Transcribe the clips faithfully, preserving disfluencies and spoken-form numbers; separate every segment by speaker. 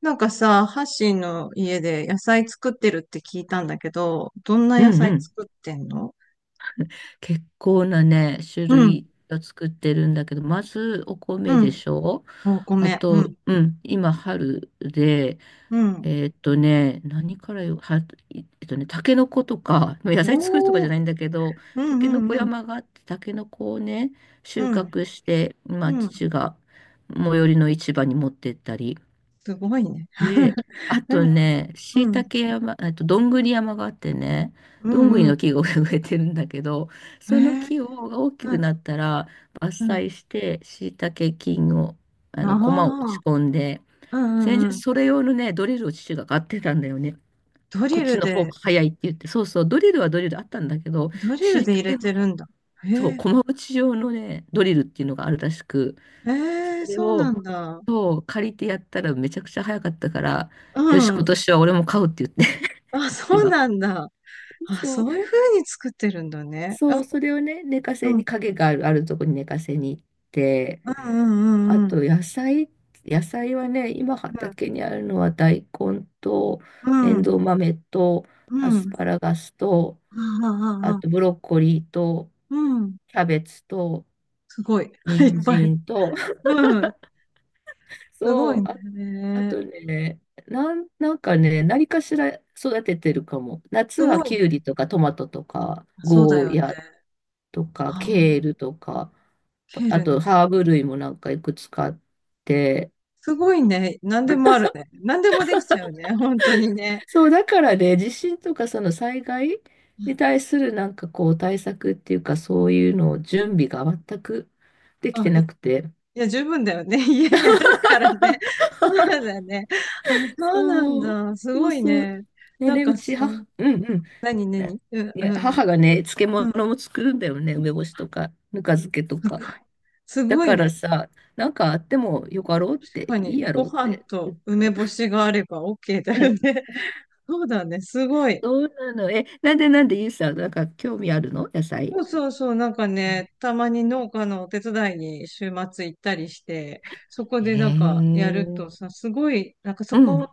Speaker 1: なんかさ、ハッシーの家で野菜作ってるって聞いたんだけど、どんな
Speaker 2: うん
Speaker 1: 野菜
Speaker 2: うん。
Speaker 1: 作ってんの？
Speaker 2: 結構なね、種
Speaker 1: うん、
Speaker 2: 類を作ってるんだけど、まずお米
Speaker 1: う
Speaker 2: で
Speaker 1: ん。
Speaker 2: しょ。
Speaker 1: お
Speaker 2: あ
Speaker 1: 米、う
Speaker 2: と、
Speaker 1: ん、
Speaker 2: うん、今春で、
Speaker 1: うん。
Speaker 2: えーっとね、何からよ、は、えっとね、タケノコとか、まあ野菜作るとかじ
Speaker 1: お
Speaker 2: ゃ
Speaker 1: ー、
Speaker 2: ないんだけど、
Speaker 1: う
Speaker 2: タ
Speaker 1: ん、う
Speaker 2: ケノコ
Speaker 1: ん、うん、
Speaker 2: 山があって、タケノコをね、
Speaker 1: う
Speaker 2: 収
Speaker 1: ん、
Speaker 2: 穫して、まあ
Speaker 1: うん。
Speaker 2: 父が最寄りの市場に持ってったり、
Speaker 1: すごいね。
Speaker 2: で、あ
Speaker 1: う
Speaker 2: と
Speaker 1: ん、
Speaker 2: ね、椎
Speaker 1: うん、
Speaker 2: 茸山、えっと、どんぐり山があってね、
Speaker 1: う
Speaker 2: どんぐり
Speaker 1: ん、う
Speaker 2: の木が植えてるんだけど、
Speaker 1: ん。
Speaker 2: その
Speaker 1: へえ、
Speaker 2: 木をが大き
Speaker 1: う
Speaker 2: く
Speaker 1: ん、
Speaker 2: なったら
Speaker 1: う
Speaker 2: 伐
Speaker 1: ん。
Speaker 2: 採して椎茸菌を、あの、駒を打ち
Speaker 1: あ
Speaker 2: 込んで、
Speaker 1: あ、うん、
Speaker 2: 先
Speaker 1: う
Speaker 2: 日
Speaker 1: ん、うん。
Speaker 2: それ用のね、ドリルを父が買ってたんだよね。
Speaker 1: ド
Speaker 2: こっ
Speaker 1: リ
Speaker 2: ち
Speaker 1: ル
Speaker 2: の方が
Speaker 1: で、
Speaker 2: 早いって言って、そうそう、ドリルはドリルあったんだけど、
Speaker 1: ドリル
Speaker 2: 椎
Speaker 1: で入れ
Speaker 2: 茸
Speaker 1: て
Speaker 2: の、
Speaker 1: るんだ。
Speaker 2: そ
Speaker 1: へ
Speaker 2: う、
Speaker 1: え、
Speaker 2: 駒打ち用のね、ドリルっていうのがあるらしく、
Speaker 1: ええ、
Speaker 2: それ
Speaker 1: そうな
Speaker 2: を、
Speaker 1: んだ。
Speaker 2: そう、借りてやったらめちゃくちゃ早かったから、
Speaker 1: う
Speaker 2: よし、今
Speaker 1: ん。
Speaker 2: 年は俺も買うって言って、
Speaker 1: あ、
Speaker 2: 父
Speaker 1: そう
Speaker 2: が。
Speaker 1: なんだ。あ、
Speaker 2: そう、
Speaker 1: そういう風に作ってるんだね。
Speaker 2: そ
Speaker 1: あ、
Speaker 2: う、それをね、寝かせ
Speaker 1: う
Speaker 2: に、
Speaker 1: ん、
Speaker 2: 影がある、あるとこに寝かせに行って、
Speaker 1: うんうんう
Speaker 2: あ
Speaker 1: んうん。
Speaker 2: と野菜、野菜はね、今畑にあるのは大根と、
Speaker 1: う
Speaker 2: エン
Speaker 1: ん。
Speaker 2: ドウ豆と、
Speaker 1: う
Speaker 2: アス
Speaker 1: ん。
Speaker 2: パラガスと、
Speaker 1: ああ、
Speaker 2: あ
Speaker 1: ああ、
Speaker 2: とブロッコリーと、
Speaker 1: うん。
Speaker 2: キャベツと、
Speaker 1: すごい。い
Speaker 2: 人
Speaker 1: っぱい。
Speaker 2: 参と、
Speaker 1: うん。すご
Speaker 2: そ
Speaker 1: い
Speaker 2: う、ああ
Speaker 1: ね。
Speaker 2: とね、なん、なんかね、何かしら育ててるかも。夏
Speaker 1: す
Speaker 2: は
Speaker 1: ごい
Speaker 2: キュウリ
Speaker 1: ね。
Speaker 2: とかトマトとか、
Speaker 1: あ、そうだ
Speaker 2: ゴー
Speaker 1: よね。
Speaker 2: ヤとか、
Speaker 1: あ
Speaker 2: ケール
Speaker 1: あ、
Speaker 2: とか、
Speaker 1: ケー
Speaker 2: あ
Speaker 1: ルね。
Speaker 2: とハーブ類もなんかいくつかあって。
Speaker 1: すごいね。何でもあるね。何でもできちゃうね。本当にね。
Speaker 2: そう、だからね、地震とかその災害に対するなんかこう対策っていうか、そういうのを準備が全くでき
Speaker 1: あ、
Speaker 2: て
Speaker 1: い
Speaker 2: なくて。
Speaker 1: いや、十分だよね。家にあるからね。そうだね。あ、そうなん
Speaker 2: そう、
Speaker 1: だ。す
Speaker 2: そ
Speaker 1: ご
Speaker 2: う
Speaker 1: い
Speaker 2: そう。
Speaker 1: ね。
Speaker 2: ね、
Speaker 1: なん
Speaker 2: で、う
Speaker 1: かさ、
Speaker 2: ち、は、うんうん。
Speaker 1: 何、何
Speaker 2: ね、
Speaker 1: うん、
Speaker 2: い
Speaker 1: う
Speaker 2: や、
Speaker 1: ん、
Speaker 2: 母がね、漬
Speaker 1: う
Speaker 2: 物
Speaker 1: ん。
Speaker 2: も作るんだよね、梅干しとか、ぬか漬けと
Speaker 1: すご
Speaker 2: か。
Speaker 1: い。す
Speaker 2: だ
Speaker 1: ごい
Speaker 2: から
Speaker 1: ね。
Speaker 2: さ、なんかあってもよかろうっ
Speaker 1: 確
Speaker 2: て、
Speaker 1: か
Speaker 2: い
Speaker 1: に、
Speaker 2: いや
Speaker 1: ご
Speaker 2: ろうっ
Speaker 1: 飯
Speaker 2: て、ずっ
Speaker 1: と梅
Speaker 2: と。
Speaker 1: 干しがあれば オーケー だ
Speaker 2: う
Speaker 1: よ
Speaker 2: ん、
Speaker 1: ね。そうだね、すごい。
Speaker 2: そうなの。え、なんでなんで、ゆうさん、なんか興味あるの野菜。
Speaker 1: そうそうそう、なんか
Speaker 2: うん、
Speaker 1: ね、たまに農家のお手伝いに週末行ったりして、そこで
Speaker 2: へ
Speaker 1: な
Speaker 2: え。
Speaker 1: んかやる
Speaker 2: うん、
Speaker 1: とさ、すごい、なんかそ
Speaker 2: うん、
Speaker 1: こ、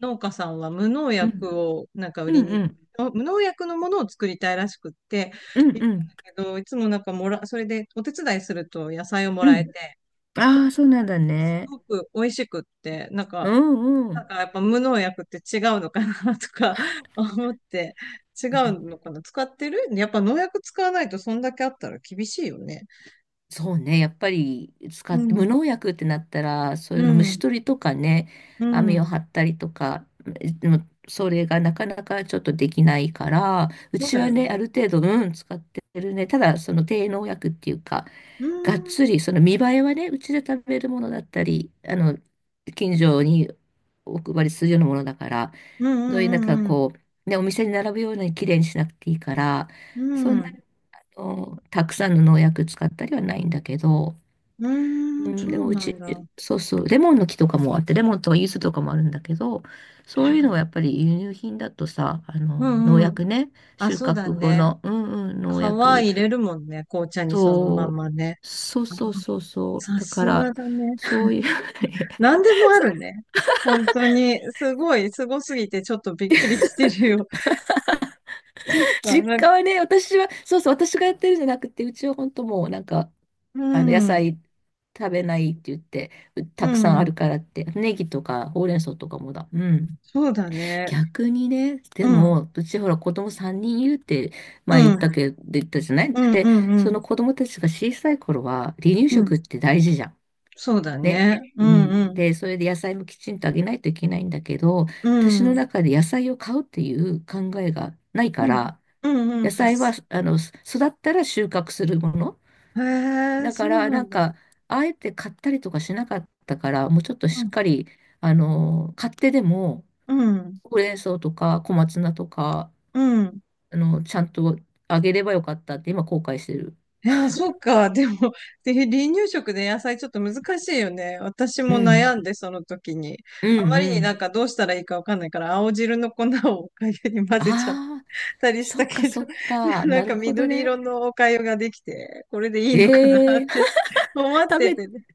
Speaker 1: 農家さんは無農
Speaker 2: うん、
Speaker 1: 薬をなんか売
Speaker 2: う
Speaker 1: りに、
Speaker 2: ん、
Speaker 1: 無農薬のものを作りたいらしくって、
Speaker 2: うん、
Speaker 1: 行
Speaker 2: う
Speaker 1: ったん
Speaker 2: ん。
Speaker 1: だけど、いつもなんかもら、それでお手伝いすると野菜をも
Speaker 2: う
Speaker 1: らえ
Speaker 2: ん、
Speaker 1: て、
Speaker 2: ああ、そうなんだ
Speaker 1: す
Speaker 2: ね。
Speaker 1: ごく美味しくって、なん
Speaker 2: う
Speaker 1: か、
Speaker 2: ん、う
Speaker 1: なん
Speaker 2: ん。
Speaker 1: かやっぱ無農薬って違うのかなとか 思って、違うのかな使ってるやっぱ農薬使わないとそんだけあったら厳しいよね。
Speaker 2: そうね、やっぱり使
Speaker 1: う
Speaker 2: って、
Speaker 1: ん、
Speaker 2: 無農薬ってなったら、そうい
Speaker 1: う
Speaker 2: うの虫
Speaker 1: ん、
Speaker 2: 取りとかね、
Speaker 1: う
Speaker 2: 網を
Speaker 1: ん。
Speaker 2: 張ったりとか、でもそれがなかなかちょっとできないから、う
Speaker 1: そう
Speaker 2: ち
Speaker 1: だ
Speaker 2: は
Speaker 1: よ
Speaker 2: ね、あ
Speaker 1: ね。
Speaker 2: る程度、うん、使ってるね。ただ、その低農薬っていうか、
Speaker 1: う
Speaker 2: がっつ
Speaker 1: ん、
Speaker 2: り、その見栄えはね、うちで食べるものだったり、あの、近所にお配りするようなものだから、
Speaker 1: うん、
Speaker 2: そういう
Speaker 1: う
Speaker 2: なんか
Speaker 1: ん、うん、
Speaker 2: こう、ね、お店に並ぶように綺麗にしなくていいから、
Speaker 1: う
Speaker 2: そん
Speaker 1: ん。
Speaker 2: のたくさんの農薬使ったりはないんだけど、
Speaker 1: う
Speaker 2: う
Speaker 1: ん、
Speaker 2: ん、
Speaker 1: そ
Speaker 2: で
Speaker 1: う
Speaker 2: もう
Speaker 1: な
Speaker 2: ち、
Speaker 1: んだ。
Speaker 2: そうそう、レモンの木とかもあって、レモンとか柚子とかもあるんだけど、そういうのはやっぱり輸入品だとさ、あ
Speaker 1: う
Speaker 2: の、農
Speaker 1: ん、うん。
Speaker 2: 薬ね、
Speaker 1: あ、
Speaker 2: 収
Speaker 1: そうだ
Speaker 2: 穫後
Speaker 1: ね。
Speaker 2: の、うんうん、
Speaker 1: 皮
Speaker 2: 農薬、
Speaker 1: 入れるもんね。紅茶にそのまん
Speaker 2: そ
Speaker 1: まね。
Speaker 2: う、そうそうそうそう、
Speaker 1: さ
Speaker 2: だか
Speaker 1: すが
Speaker 2: ら、
Speaker 1: だね。
Speaker 2: そういう
Speaker 1: 何でもあるね。本当に、すごい、すごすぎてちょっとびっくりしてるよ。そっか、
Speaker 2: 実
Speaker 1: なん
Speaker 2: 家
Speaker 1: か、
Speaker 2: はね、私は、そうそう、私がやってるんじゃなくて、うちは本当もうなんか、
Speaker 1: う
Speaker 2: あの野
Speaker 1: ん、
Speaker 2: 菜食べないって言って、う
Speaker 1: う
Speaker 2: たくさんあ
Speaker 1: ん、
Speaker 2: るからって、ネギとかほうれん草とかもだ。うん。
Speaker 1: そうだね。
Speaker 2: 逆にね、
Speaker 1: う
Speaker 2: で
Speaker 1: ん、
Speaker 2: も、うちほら子供さんにんいるって前言
Speaker 1: う
Speaker 2: っ
Speaker 1: ん、
Speaker 2: たけど、言ったじゃない
Speaker 1: うん、う
Speaker 2: で、
Speaker 1: ん、う
Speaker 2: そ
Speaker 1: ん、
Speaker 2: の子供たちが小さい頃は離乳
Speaker 1: うん、
Speaker 2: 食って大事じゃん。
Speaker 1: そうだ
Speaker 2: ね。
Speaker 1: ね。う
Speaker 2: み
Speaker 1: ん、
Speaker 2: ん
Speaker 1: うん、
Speaker 2: で、それで野菜もきちんとあげないといけないんだけど、
Speaker 1: う
Speaker 2: 私の
Speaker 1: ん、
Speaker 2: 中で野菜を買うっていう考えがない
Speaker 1: う
Speaker 2: か
Speaker 1: ん、
Speaker 2: ら、
Speaker 1: うん、うん。
Speaker 2: 野菜は、あの、育ったら収穫するもの。
Speaker 1: へえ、
Speaker 2: だ
Speaker 1: そ
Speaker 2: か
Speaker 1: う
Speaker 2: ら、
Speaker 1: な
Speaker 2: な
Speaker 1: ん
Speaker 2: ん
Speaker 1: だ。
Speaker 2: か、あえて買ったりとかしなかったから、もうちょっと
Speaker 1: う
Speaker 2: しっ
Speaker 1: ん、
Speaker 2: かり、あの、買ってでも、
Speaker 1: うん、
Speaker 2: ほうれん草とか小松菜とか、
Speaker 1: うん。
Speaker 2: あの、ちゃんとあげればよかったって今後悔してる。
Speaker 1: いや、そっか。でも、で、離乳食で野菜ちょっと難しいよね。私
Speaker 2: う
Speaker 1: も
Speaker 2: ん。
Speaker 1: 悩んで、その時に。
Speaker 2: う
Speaker 1: あま
Speaker 2: ん
Speaker 1: り
Speaker 2: う
Speaker 1: になん
Speaker 2: ん。
Speaker 1: かどうしたらいいかわかんないから、青汁の粉をおかゆに混ぜちゃっ
Speaker 2: ああ、
Speaker 1: たりし
Speaker 2: そ
Speaker 1: た
Speaker 2: っか
Speaker 1: けど、
Speaker 2: そっ
Speaker 1: でも
Speaker 2: か。
Speaker 1: な
Speaker 2: な
Speaker 1: ん
Speaker 2: る
Speaker 1: か
Speaker 2: ほど
Speaker 1: 緑
Speaker 2: ね。
Speaker 1: 色のお粥ができて、これでいいのかな
Speaker 2: ええ
Speaker 1: って 思っ
Speaker 2: 食
Speaker 1: て
Speaker 2: べ、
Speaker 1: てね。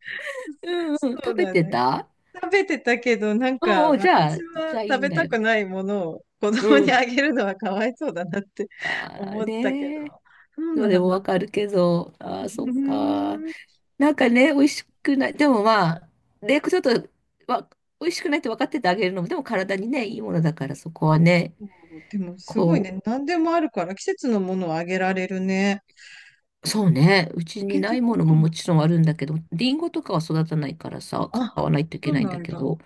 Speaker 2: うんうん、
Speaker 1: そう
Speaker 2: 食べ
Speaker 1: だ
Speaker 2: て
Speaker 1: ね。
Speaker 2: た。
Speaker 1: 食べてたけど、なん
Speaker 2: う
Speaker 1: か
Speaker 2: んうん、じゃあ、
Speaker 1: 私は
Speaker 2: じゃあいい
Speaker 1: 食
Speaker 2: ん
Speaker 1: べ
Speaker 2: だ
Speaker 1: た
Speaker 2: よ。
Speaker 1: くないものを子
Speaker 2: う
Speaker 1: 供に
Speaker 2: ん。
Speaker 1: あげるのはかわいそうだなって
Speaker 2: ああ、
Speaker 1: 思ったけど、
Speaker 2: ねえ。
Speaker 1: そう
Speaker 2: で
Speaker 1: なん
Speaker 2: もわ
Speaker 1: だ。
Speaker 2: かるけど、あ
Speaker 1: う
Speaker 2: あ、そっか。
Speaker 1: ーん。
Speaker 2: なんかね、美味しくない。でもまあ、ね、ちょっと、わ、美味しくないって分かっててあげるのも、でも体にね、いいものだから、そこはね、
Speaker 1: そう、でもすごい
Speaker 2: こ
Speaker 1: ね、何でもあるから季節のものをあげられるね。
Speaker 2: う、そうね、う
Speaker 1: タ
Speaker 2: ちに
Speaker 1: ケ
Speaker 2: な
Speaker 1: ノ
Speaker 2: い
Speaker 1: コ
Speaker 2: ものもも
Speaker 1: か。
Speaker 2: ちろんあるんだけど、リンゴとかは育たないからさ、
Speaker 1: あ、
Speaker 2: 買わないとい
Speaker 1: そ
Speaker 2: け
Speaker 1: う
Speaker 2: ないん
Speaker 1: な
Speaker 2: だ
Speaker 1: ん
Speaker 2: け
Speaker 1: だ。
Speaker 2: ど、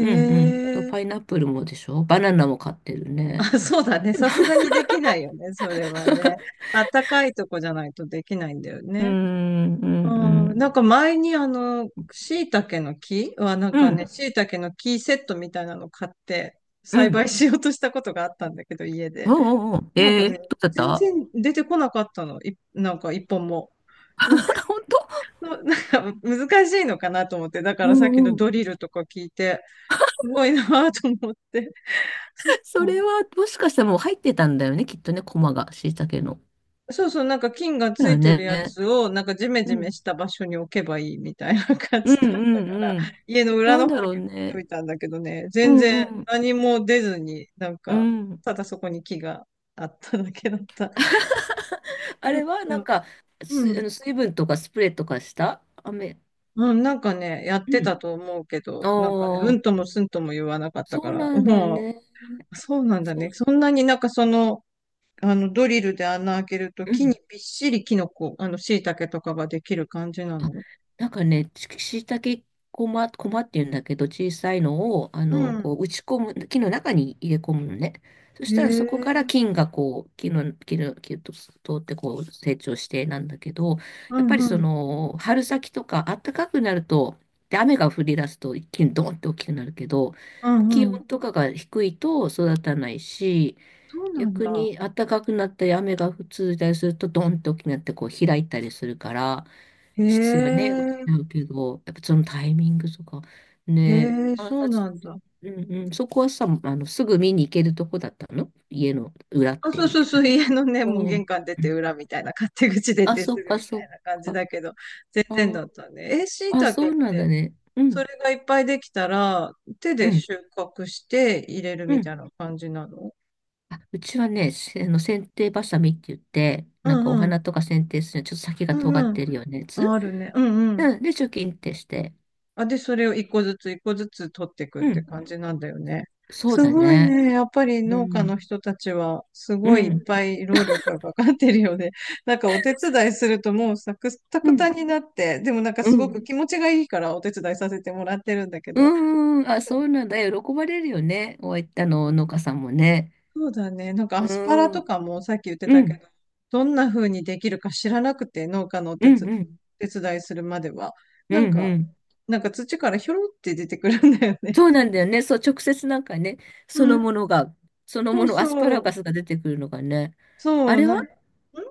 Speaker 2: うんうん。と、
Speaker 1: え。
Speaker 2: パイナップルもでしょ、バナナも買ってる ね。
Speaker 1: あ、そうだね。
Speaker 2: でも、
Speaker 1: さすがにできないよね。それはね。あったかいとこじゃないとできないんだよ
Speaker 2: うー
Speaker 1: ね。
Speaker 2: ん、うん、う
Speaker 1: うん。
Speaker 2: ん。
Speaker 1: なんか前にあの、椎茸の木はなん
Speaker 2: う
Speaker 1: かね、
Speaker 2: ん、
Speaker 1: 椎茸の木セットみたいなの買って
Speaker 2: う
Speaker 1: 栽
Speaker 2: ん。
Speaker 1: 培しようとしたことがあったんだけど、家
Speaker 2: お
Speaker 1: で。
Speaker 2: うおうおう。
Speaker 1: なんか
Speaker 2: えー、
Speaker 1: ね、
Speaker 2: どうだっ
Speaker 1: 全
Speaker 2: た。
Speaker 1: 然出てこなかったの。い、なんか一本も。なんか、
Speaker 2: 本当。
Speaker 1: のなんか難しいのかなと思って。だか
Speaker 2: う
Speaker 1: らさっきの
Speaker 2: ん、
Speaker 1: ドリルとか聞いて、すごいなぁと思って。そっ
Speaker 2: それ
Speaker 1: か。
Speaker 2: は、もしかしたらもう入ってたんだよね、きっとね、コマが、しいたけの。
Speaker 1: そうそう、なんか菌が
Speaker 2: だ
Speaker 1: つ
Speaker 2: よ
Speaker 1: いてる
Speaker 2: ね。
Speaker 1: やつを、なんかジメ
Speaker 2: う
Speaker 1: ジメ
Speaker 2: ん。
Speaker 1: した場所に置けばいいみたいな感
Speaker 2: うん
Speaker 1: じだったから、
Speaker 2: うんうん。
Speaker 1: 家の裏
Speaker 2: なん
Speaker 1: の
Speaker 2: だ
Speaker 1: 方
Speaker 2: ろ
Speaker 1: に
Speaker 2: う
Speaker 1: 置いと
Speaker 2: ね。
Speaker 1: いたんだけどね、
Speaker 2: う
Speaker 1: 全
Speaker 2: んう
Speaker 1: 然
Speaker 2: ん。
Speaker 1: 何も出ずに、なん
Speaker 2: う
Speaker 1: か、
Speaker 2: ん。
Speaker 1: ただそこに木があっただけだった。
Speaker 2: あ
Speaker 1: なん
Speaker 2: れは、なん
Speaker 1: か、
Speaker 2: か、
Speaker 1: う
Speaker 2: す、あ
Speaker 1: ん。
Speaker 2: の水分とかスプレーとかした雨。
Speaker 1: うん、なんかね、やって
Speaker 2: うん。
Speaker 1: たと思うけど、なんかね、う
Speaker 2: ああ、
Speaker 1: んともすんとも言わなかったか
Speaker 2: そう
Speaker 1: ら、
Speaker 2: なんだ
Speaker 1: も
Speaker 2: ね。
Speaker 1: う、そうなんだね。
Speaker 2: そ
Speaker 1: そんなになんかその、あの、ドリルで穴開けると
Speaker 2: う。う
Speaker 1: 木に
Speaker 2: ん、
Speaker 1: びっしりキノコ、あの、椎茸とかができる感じな
Speaker 2: あ、
Speaker 1: の？
Speaker 2: なんかね、ししいたけこま、こまっていうんだけど、小さいのを、あ
Speaker 1: う
Speaker 2: の、こ
Speaker 1: ん。
Speaker 2: う、打ち込む、木の中に入れ込むのね。そし
Speaker 1: へ
Speaker 2: たらそこから
Speaker 1: え、
Speaker 2: 菌がこう、木の、木の、木と通ってこう、成長してなんだけど、
Speaker 1: う
Speaker 2: やっぱ
Speaker 1: ん
Speaker 2: り
Speaker 1: う
Speaker 2: そ
Speaker 1: ん、
Speaker 2: の、春先とか暖かくなると、で、雨が降り出すと一気にドーンって大きくなるけど、
Speaker 1: う
Speaker 2: 気
Speaker 1: んうん。
Speaker 2: 温とかが低いと育たないし、
Speaker 1: そうなん
Speaker 2: 逆
Speaker 1: だ。
Speaker 2: に暖かくなったり雨が続いたりするとドーンって大きくなってこう開いたりするから、
Speaker 1: へ
Speaker 2: 質がね、落ち
Speaker 1: え、
Speaker 2: ちゃうけど、やっぱそのタイミングとか、
Speaker 1: へ
Speaker 2: ね、
Speaker 1: え、
Speaker 2: 観
Speaker 1: そう
Speaker 2: 察、
Speaker 1: なんだ。
Speaker 2: うんうん、そこはさ、あの、すぐ見に行けるとこだったの家の裏っ
Speaker 1: あ、
Speaker 2: て
Speaker 1: そう
Speaker 2: 言っ
Speaker 1: そう
Speaker 2: て
Speaker 1: そ
Speaker 2: た
Speaker 1: う、
Speaker 2: けど。
Speaker 1: 家のね、もう
Speaker 2: おー、
Speaker 1: 玄関出
Speaker 2: う
Speaker 1: て
Speaker 2: ん、
Speaker 1: 裏みたいな、勝手口出
Speaker 2: あ、
Speaker 1: て
Speaker 2: そ
Speaker 1: す
Speaker 2: っ
Speaker 1: ぐ
Speaker 2: か
Speaker 1: み
Speaker 2: そ
Speaker 1: たい
Speaker 2: っ
Speaker 1: な感じ
Speaker 2: か。
Speaker 1: だけど、全
Speaker 2: あ
Speaker 1: 然
Speaker 2: ー、
Speaker 1: だったね。え、椎
Speaker 2: あ、
Speaker 1: 茸
Speaker 2: そ
Speaker 1: っ
Speaker 2: うなんだ
Speaker 1: て、
Speaker 2: ね。う
Speaker 1: そ
Speaker 2: ん、
Speaker 1: れがいっぱいできたら、手
Speaker 2: う
Speaker 1: で
Speaker 2: ん、
Speaker 1: 収穫して入れる
Speaker 2: う
Speaker 1: みた
Speaker 2: ん。
Speaker 1: いな感じなの？
Speaker 2: あ、うちはね、せあの、剪定バサミって言って、
Speaker 1: う
Speaker 2: なんかお
Speaker 1: んうん、
Speaker 2: 花とか剪定するのにちょっと先
Speaker 1: う
Speaker 2: が
Speaker 1: ん
Speaker 2: 尖っ
Speaker 1: うん、
Speaker 2: てるようなや
Speaker 1: あ
Speaker 2: つ。
Speaker 1: あるね。うんうん。
Speaker 2: うん、で、チョキンってして。
Speaker 1: あ、で、それを一個ずつ一個ずつ取っていくっ
Speaker 2: う
Speaker 1: て
Speaker 2: ん、
Speaker 1: 感じなんだよね。
Speaker 2: そう
Speaker 1: す
Speaker 2: だ
Speaker 1: ごい
Speaker 2: ね。
Speaker 1: ね。やっぱり
Speaker 2: う
Speaker 1: 農家の
Speaker 2: ん、
Speaker 1: 人たちは、す
Speaker 2: う
Speaker 1: ごいいっ
Speaker 2: ん、
Speaker 1: ぱい労力がかかってるよね。なんかお手伝いするともうサクタ
Speaker 2: う
Speaker 1: ク
Speaker 2: ん、
Speaker 1: タになって、でもなんか
Speaker 2: う
Speaker 1: すご
Speaker 2: ん。
Speaker 1: く気持ちがいいからお手伝いさせてもらってるんだけ
Speaker 2: う
Speaker 1: ど。
Speaker 2: んん、あ、そうなんだ。喜ばれるよね。おい、あの、農家さんもね。
Speaker 1: そうだね。なんか
Speaker 2: う
Speaker 1: アスパラ
Speaker 2: ーん、う
Speaker 1: と
Speaker 2: ん、
Speaker 1: かもさっき言って
Speaker 2: う
Speaker 1: たけ
Speaker 2: ん、
Speaker 1: ど、どんな風にできるか知らなくて、農家のお
Speaker 2: う
Speaker 1: 手つ、
Speaker 2: ん、
Speaker 1: 手伝いするまでは。
Speaker 2: う
Speaker 1: なん
Speaker 2: ん、
Speaker 1: か、
Speaker 2: うん。
Speaker 1: なんか土からひょろって出てくるんだよね。
Speaker 2: そうなんだよね。そう、直接なんかね、そ
Speaker 1: う
Speaker 2: の
Speaker 1: ん、
Speaker 2: ものが、その
Speaker 1: そ
Speaker 2: も
Speaker 1: う
Speaker 2: の、アスパ
Speaker 1: そ
Speaker 2: ラ
Speaker 1: う。
Speaker 2: ガスが出てくるのがね。
Speaker 1: そ
Speaker 2: あ
Speaker 1: う、
Speaker 2: れ
Speaker 1: なん、
Speaker 2: は、
Speaker 1: ん、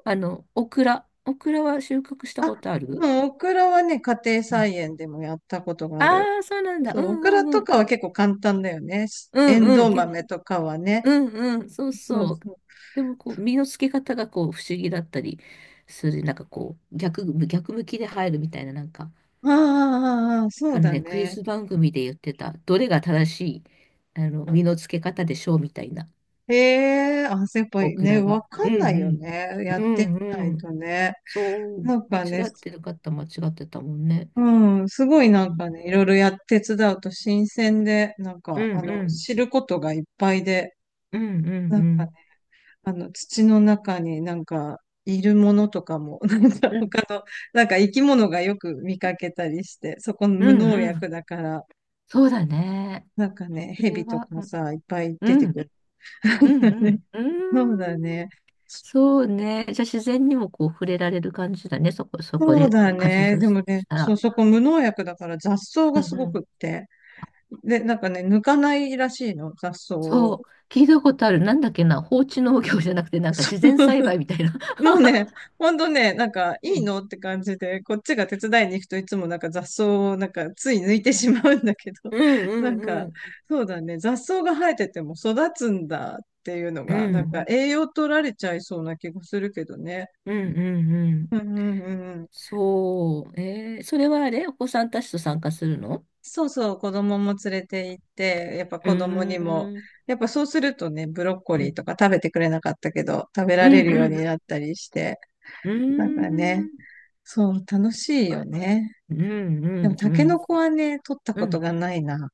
Speaker 2: あの、オクラ。オクラは収穫した
Speaker 1: あ、
Speaker 2: ことある。
Speaker 1: でもオクラはね、家庭菜園でもやったことが
Speaker 2: あ
Speaker 1: ある。
Speaker 2: あー、そうなんだ。
Speaker 1: そ
Speaker 2: うん
Speaker 1: う、オク
Speaker 2: う
Speaker 1: ラ
Speaker 2: んう
Speaker 1: と
Speaker 2: ん。
Speaker 1: かは結構簡単だよね。
Speaker 2: う
Speaker 1: エン
Speaker 2: んうん。
Speaker 1: ドウ
Speaker 2: け、
Speaker 1: 豆とかはね。
Speaker 2: うんうん。そう
Speaker 1: そう
Speaker 2: そう。
Speaker 1: そう。
Speaker 2: でも、こう、身の付け方がこう、不思議だったりする。なんかこう、逆、逆向きで入るみたいな、なんか。
Speaker 1: ああああああ、そ
Speaker 2: あ
Speaker 1: う
Speaker 2: の
Speaker 1: だ
Speaker 2: ね、クイ
Speaker 1: ね。
Speaker 2: ズ番組で言ってた、どれが正しい、あの、身の付け方でしょうみたいな、
Speaker 1: ええ、あ、やっぱ
Speaker 2: オ
Speaker 1: り
Speaker 2: ク
Speaker 1: ね、
Speaker 2: ラ
Speaker 1: わ
Speaker 2: が。う
Speaker 1: かんな
Speaker 2: ん
Speaker 1: い
Speaker 2: う
Speaker 1: よ
Speaker 2: ん。
Speaker 1: ね。やっ
Speaker 2: う
Speaker 1: てみな
Speaker 2: んう
Speaker 1: い
Speaker 2: ん。
Speaker 1: とね。
Speaker 2: そう、
Speaker 1: なん
Speaker 2: 間
Speaker 1: かね、
Speaker 2: 違ってる方間違ってたもんね。
Speaker 1: うん、すごい
Speaker 2: う
Speaker 1: なん
Speaker 2: ん、
Speaker 1: かね、いろいろやって手伝うと新鮮で、なん
Speaker 2: う
Speaker 1: か、あ
Speaker 2: んう
Speaker 1: の、
Speaker 2: ん
Speaker 1: 知ることがいっぱいで、
Speaker 2: うんうん
Speaker 1: な
Speaker 2: う
Speaker 1: んかね、
Speaker 2: ん
Speaker 1: あの、土の中になんか、いるものとかも、なんか
Speaker 2: うん
Speaker 1: 他の、なんか生き物がよく見かけたりして、そこの
Speaker 2: う
Speaker 1: 無
Speaker 2: ん
Speaker 1: 農
Speaker 2: う
Speaker 1: 薬
Speaker 2: ん、
Speaker 1: だから、
Speaker 2: そうだね。
Speaker 1: なんかね、
Speaker 2: それ
Speaker 1: 蛇と
Speaker 2: は、
Speaker 1: か
Speaker 2: うん
Speaker 1: さ、いっぱい
Speaker 2: う
Speaker 1: 出てく
Speaker 2: ん
Speaker 1: る。
Speaker 2: うん う
Speaker 1: ね、
Speaker 2: ん
Speaker 1: そう
Speaker 2: う
Speaker 1: だ
Speaker 2: ん、
Speaker 1: ね。
Speaker 2: そうね。じゃあ自然にもこう触れられる感じだね。そこ、そこ
Speaker 1: そう
Speaker 2: でか
Speaker 1: だ
Speaker 2: 活
Speaker 1: ね。
Speaker 2: 動
Speaker 1: で
Speaker 2: し
Speaker 1: もね、
Speaker 2: た
Speaker 1: そう、
Speaker 2: ら。
Speaker 1: そこ無農薬だから雑草
Speaker 2: う
Speaker 1: がすごくっ
Speaker 2: ん、
Speaker 1: て。で、なんかね、抜かないらしいの、雑草を。
Speaker 2: そう、聞いたことある。なんだっけな、放置農業じゃなくて、なんか自然栽培 みたいな。
Speaker 1: もうね、ほんとね、なんか、
Speaker 2: う
Speaker 1: いい
Speaker 2: ん。
Speaker 1: のって感じで、こっちが手伝いに行くといつもなんか雑草をなんかつい抜いてしまうんだけど、
Speaker 2: うんう
Speaker 1: なん
Speaker 2: んう
Speaker 1: か、
Speaker 2: ん。
Speaker 1: そうだね、雑草が生えてても育つんだっていうの
Speaker 2: う
Speaker 1: が、なん
Speaker 2: ん、
Speaker 1: か栄養取られちゃいそうな気がするけどね。
Speaker 2: うん、うん、う
Speaker 1: う
Speaker 2: ん。
Speaker 1: んうんうんうん。
Speaker 2: そう。えー、それはあれお子さんたちと参加するの。
Speaker 1: そうそう、子供も連れて行って、やっぱ
Speaker 2: うー
Speaker 1: 子供にも、
Speaker 2: ん、
Speaker 1: やっぱそうするとね、ブロッコ
Speaker 2: う
Speaker 1: リー
Speaker 2: ん、
Speaker 1: とか食べてくれなかったけど、食べ
Speaker 2: う
Speaker 1: られ
Speaker 2: ん、
Speaker 1: るよ
Speaker 2: う
Speaker 1: うに
Speaker 2: ん、
Speaker 1: なったりして、
Speaker 2: うー
Speaker 1: なんかね、
Speaker 2: ん、
Speaker 1: そう、楽しい
Speaker 2: は
Speaker 1: よ
Speaker 2: い、
Speaker 1: ね。
Speaker 2: うん、う
Speaker 1: でも、
Speaker 2: ん、う
Speaker 1: タケ
Speaker 2: ん。
Speaker 1: ノコはね、取った
Speaker 2: う
Speaker 1: こと
Speaker 2: ん、
Speaker 1: がないな。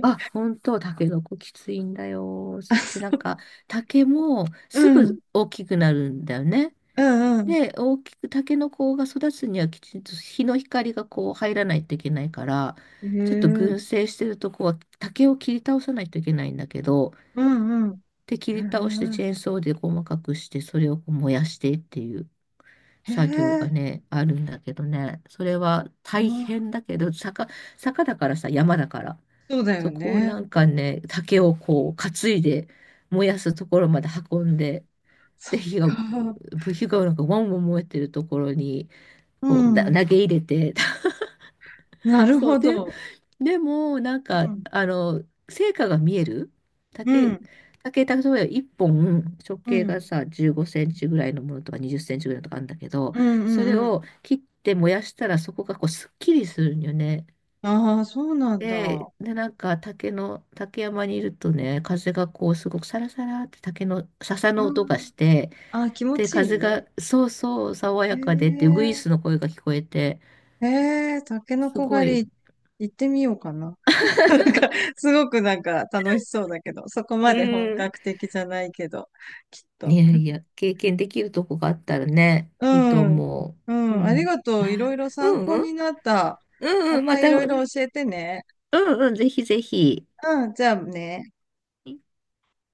Speaker 2: あ、本当、タケノコきついんだよ。
Speaker 1: あ、
Speaker 2: そして
Speaker 1: そ
Speaker 2: なん
Speaker 1: う、
Speaker 2: か、竹も
Speaker 1: う
Speaker 2: すぐ
Speaker 1: ん、
Speaker 2: 大きくなるんだよね。
Speaker 1: うん、うん。
Speaker 2: で、大きく、タケノコが育つにはきちんと日の光がこう入らないといけないから、
Speaker 1: へ
Speaker 2: ちょっと
Speaker 1: え、
Speaker 2: 群生してるとこは竹を切り倒さないといけないんだけど、
Speaker 1: うん、う
Speaker 2: で、切り倒して
Speaker 1: ん。
Speaker 2: チ
Speaker 1: へ
Speaker 2: ェーンソーで細かくして、それをこう燃やしてっていう
Speaker 1: え、へ
Speaker 2: 作業が
Speaker 1: え、
Speaker 2: ね、あるんだけどね、それは
Speaker 1: う
Speaker 2: 大
Speaker 1: ん、
Speaker 2: 変だけど、坂、坂だからさ、山だから、
Speaker 1: そうだよ
Speaker 2: そこを
Speaker 1: ね。
Speaker 2: なんかね、竹をこう担いで燃やすところまで運んで、
Speaker 1: そ
Speaker 2: で、
Speaker 1: っ
Speaker 2: 火が、
Speaker 1: か。
Speaker 2: 火がなんかワンワン燃えてるところに、
Speaker 1: う
Speaker 2: こう、だ投
Speaker 1: ん。
Speaker 2: げ入れて、
Speaker 1: なる
Speaker 2: そう
Speaker 1: ほ
Speaker 2: で、
Speaker 1: ど。
Speaker 2: でも、なん
Speaker 1: う
Speaker 2: か、
Speaker 1: ん、
Speaker 2: あの、成果が見える
Speaker 1: う
Speaker 2: 竹、
Speaker 1: ん、
Speaker 2: 竹、例えばいっぽん、直
Speaker 1: う
Speaker 2: 径が
Speaker 1: ん、
Speaker 2: さ、じゅうごセンチぐらいのものとかにじゅっセンチぐらいのとかあるんだけど、
Speaker 1: うん、う
Speaker 2: それ
Speaker 1: んうん。
Speaker 2: を切って燃やしたら、そこがこう、すっきりするんよね。
Speaker 1: ああー、そうなん
Speaker 2: で、
Speaker 1: だ。
Speaker 2: で、なんか竹の、竹山にいるとね、風がこうすごくサラサラって竹の笹
Speaker 1: う
Speaker 2: の音が
Speaker 1: ん。
Speaker 2: して、
Speaker 1: ああ、気持
Speaker 2: で、
Speaker 1: ちいい
Speaker 2: 風
Speaker 1: ね。
Speaker 2: がそうそう爽
Speaker 1: へ
Speaker 2: やかでってウグイ
Speaker 1: え、
Speaker 2: スの声が聞こえて、
Speaker 1: へえ、タケノ
Speaker 2: す
Speaker 1: コ
Speaker 2: ごい、
Speaker 1: 狩り行ってみようかな。なんか、すごくなんか楽しそうだけど、そこ
Speaker 2: う
Speaker 1: まで本
Speaker 2: ん。
Speaker 1: 格的じゃないけど、きっ
Speaker 2: い
Speaker 1: と。
Speaker 2: やいや、経験できるとこがあったらね、いいと
Speaker 1: うん。
Speaker 2: 思
Speaker 1: う
Speaker 2: う。う
Speaker 1: ん。あり
Speaker 2: ん。
Speaker 1: がとう。いろ
Speaker 2: あ、
Speaker 1: いろ
Speaker 2: う
Speaker 1: 参
Speaker 2: ん
Speaker 1: 考
Speaker 2: うん。
Speaker 1: になった。
Speaker 2: うん
Speaker 1: ま
Speaker 2: うん。ま
Speaker 1: たい
Speaker 2: た、
Speaker 1: ろ
Speaker 2: う
Speaker 1: い
Speaker 2: ん
Speaker 1: ろ教えてね。
Speaker 2: うん。ぜひぜひ。
Speaker 1: うん。じゃあね。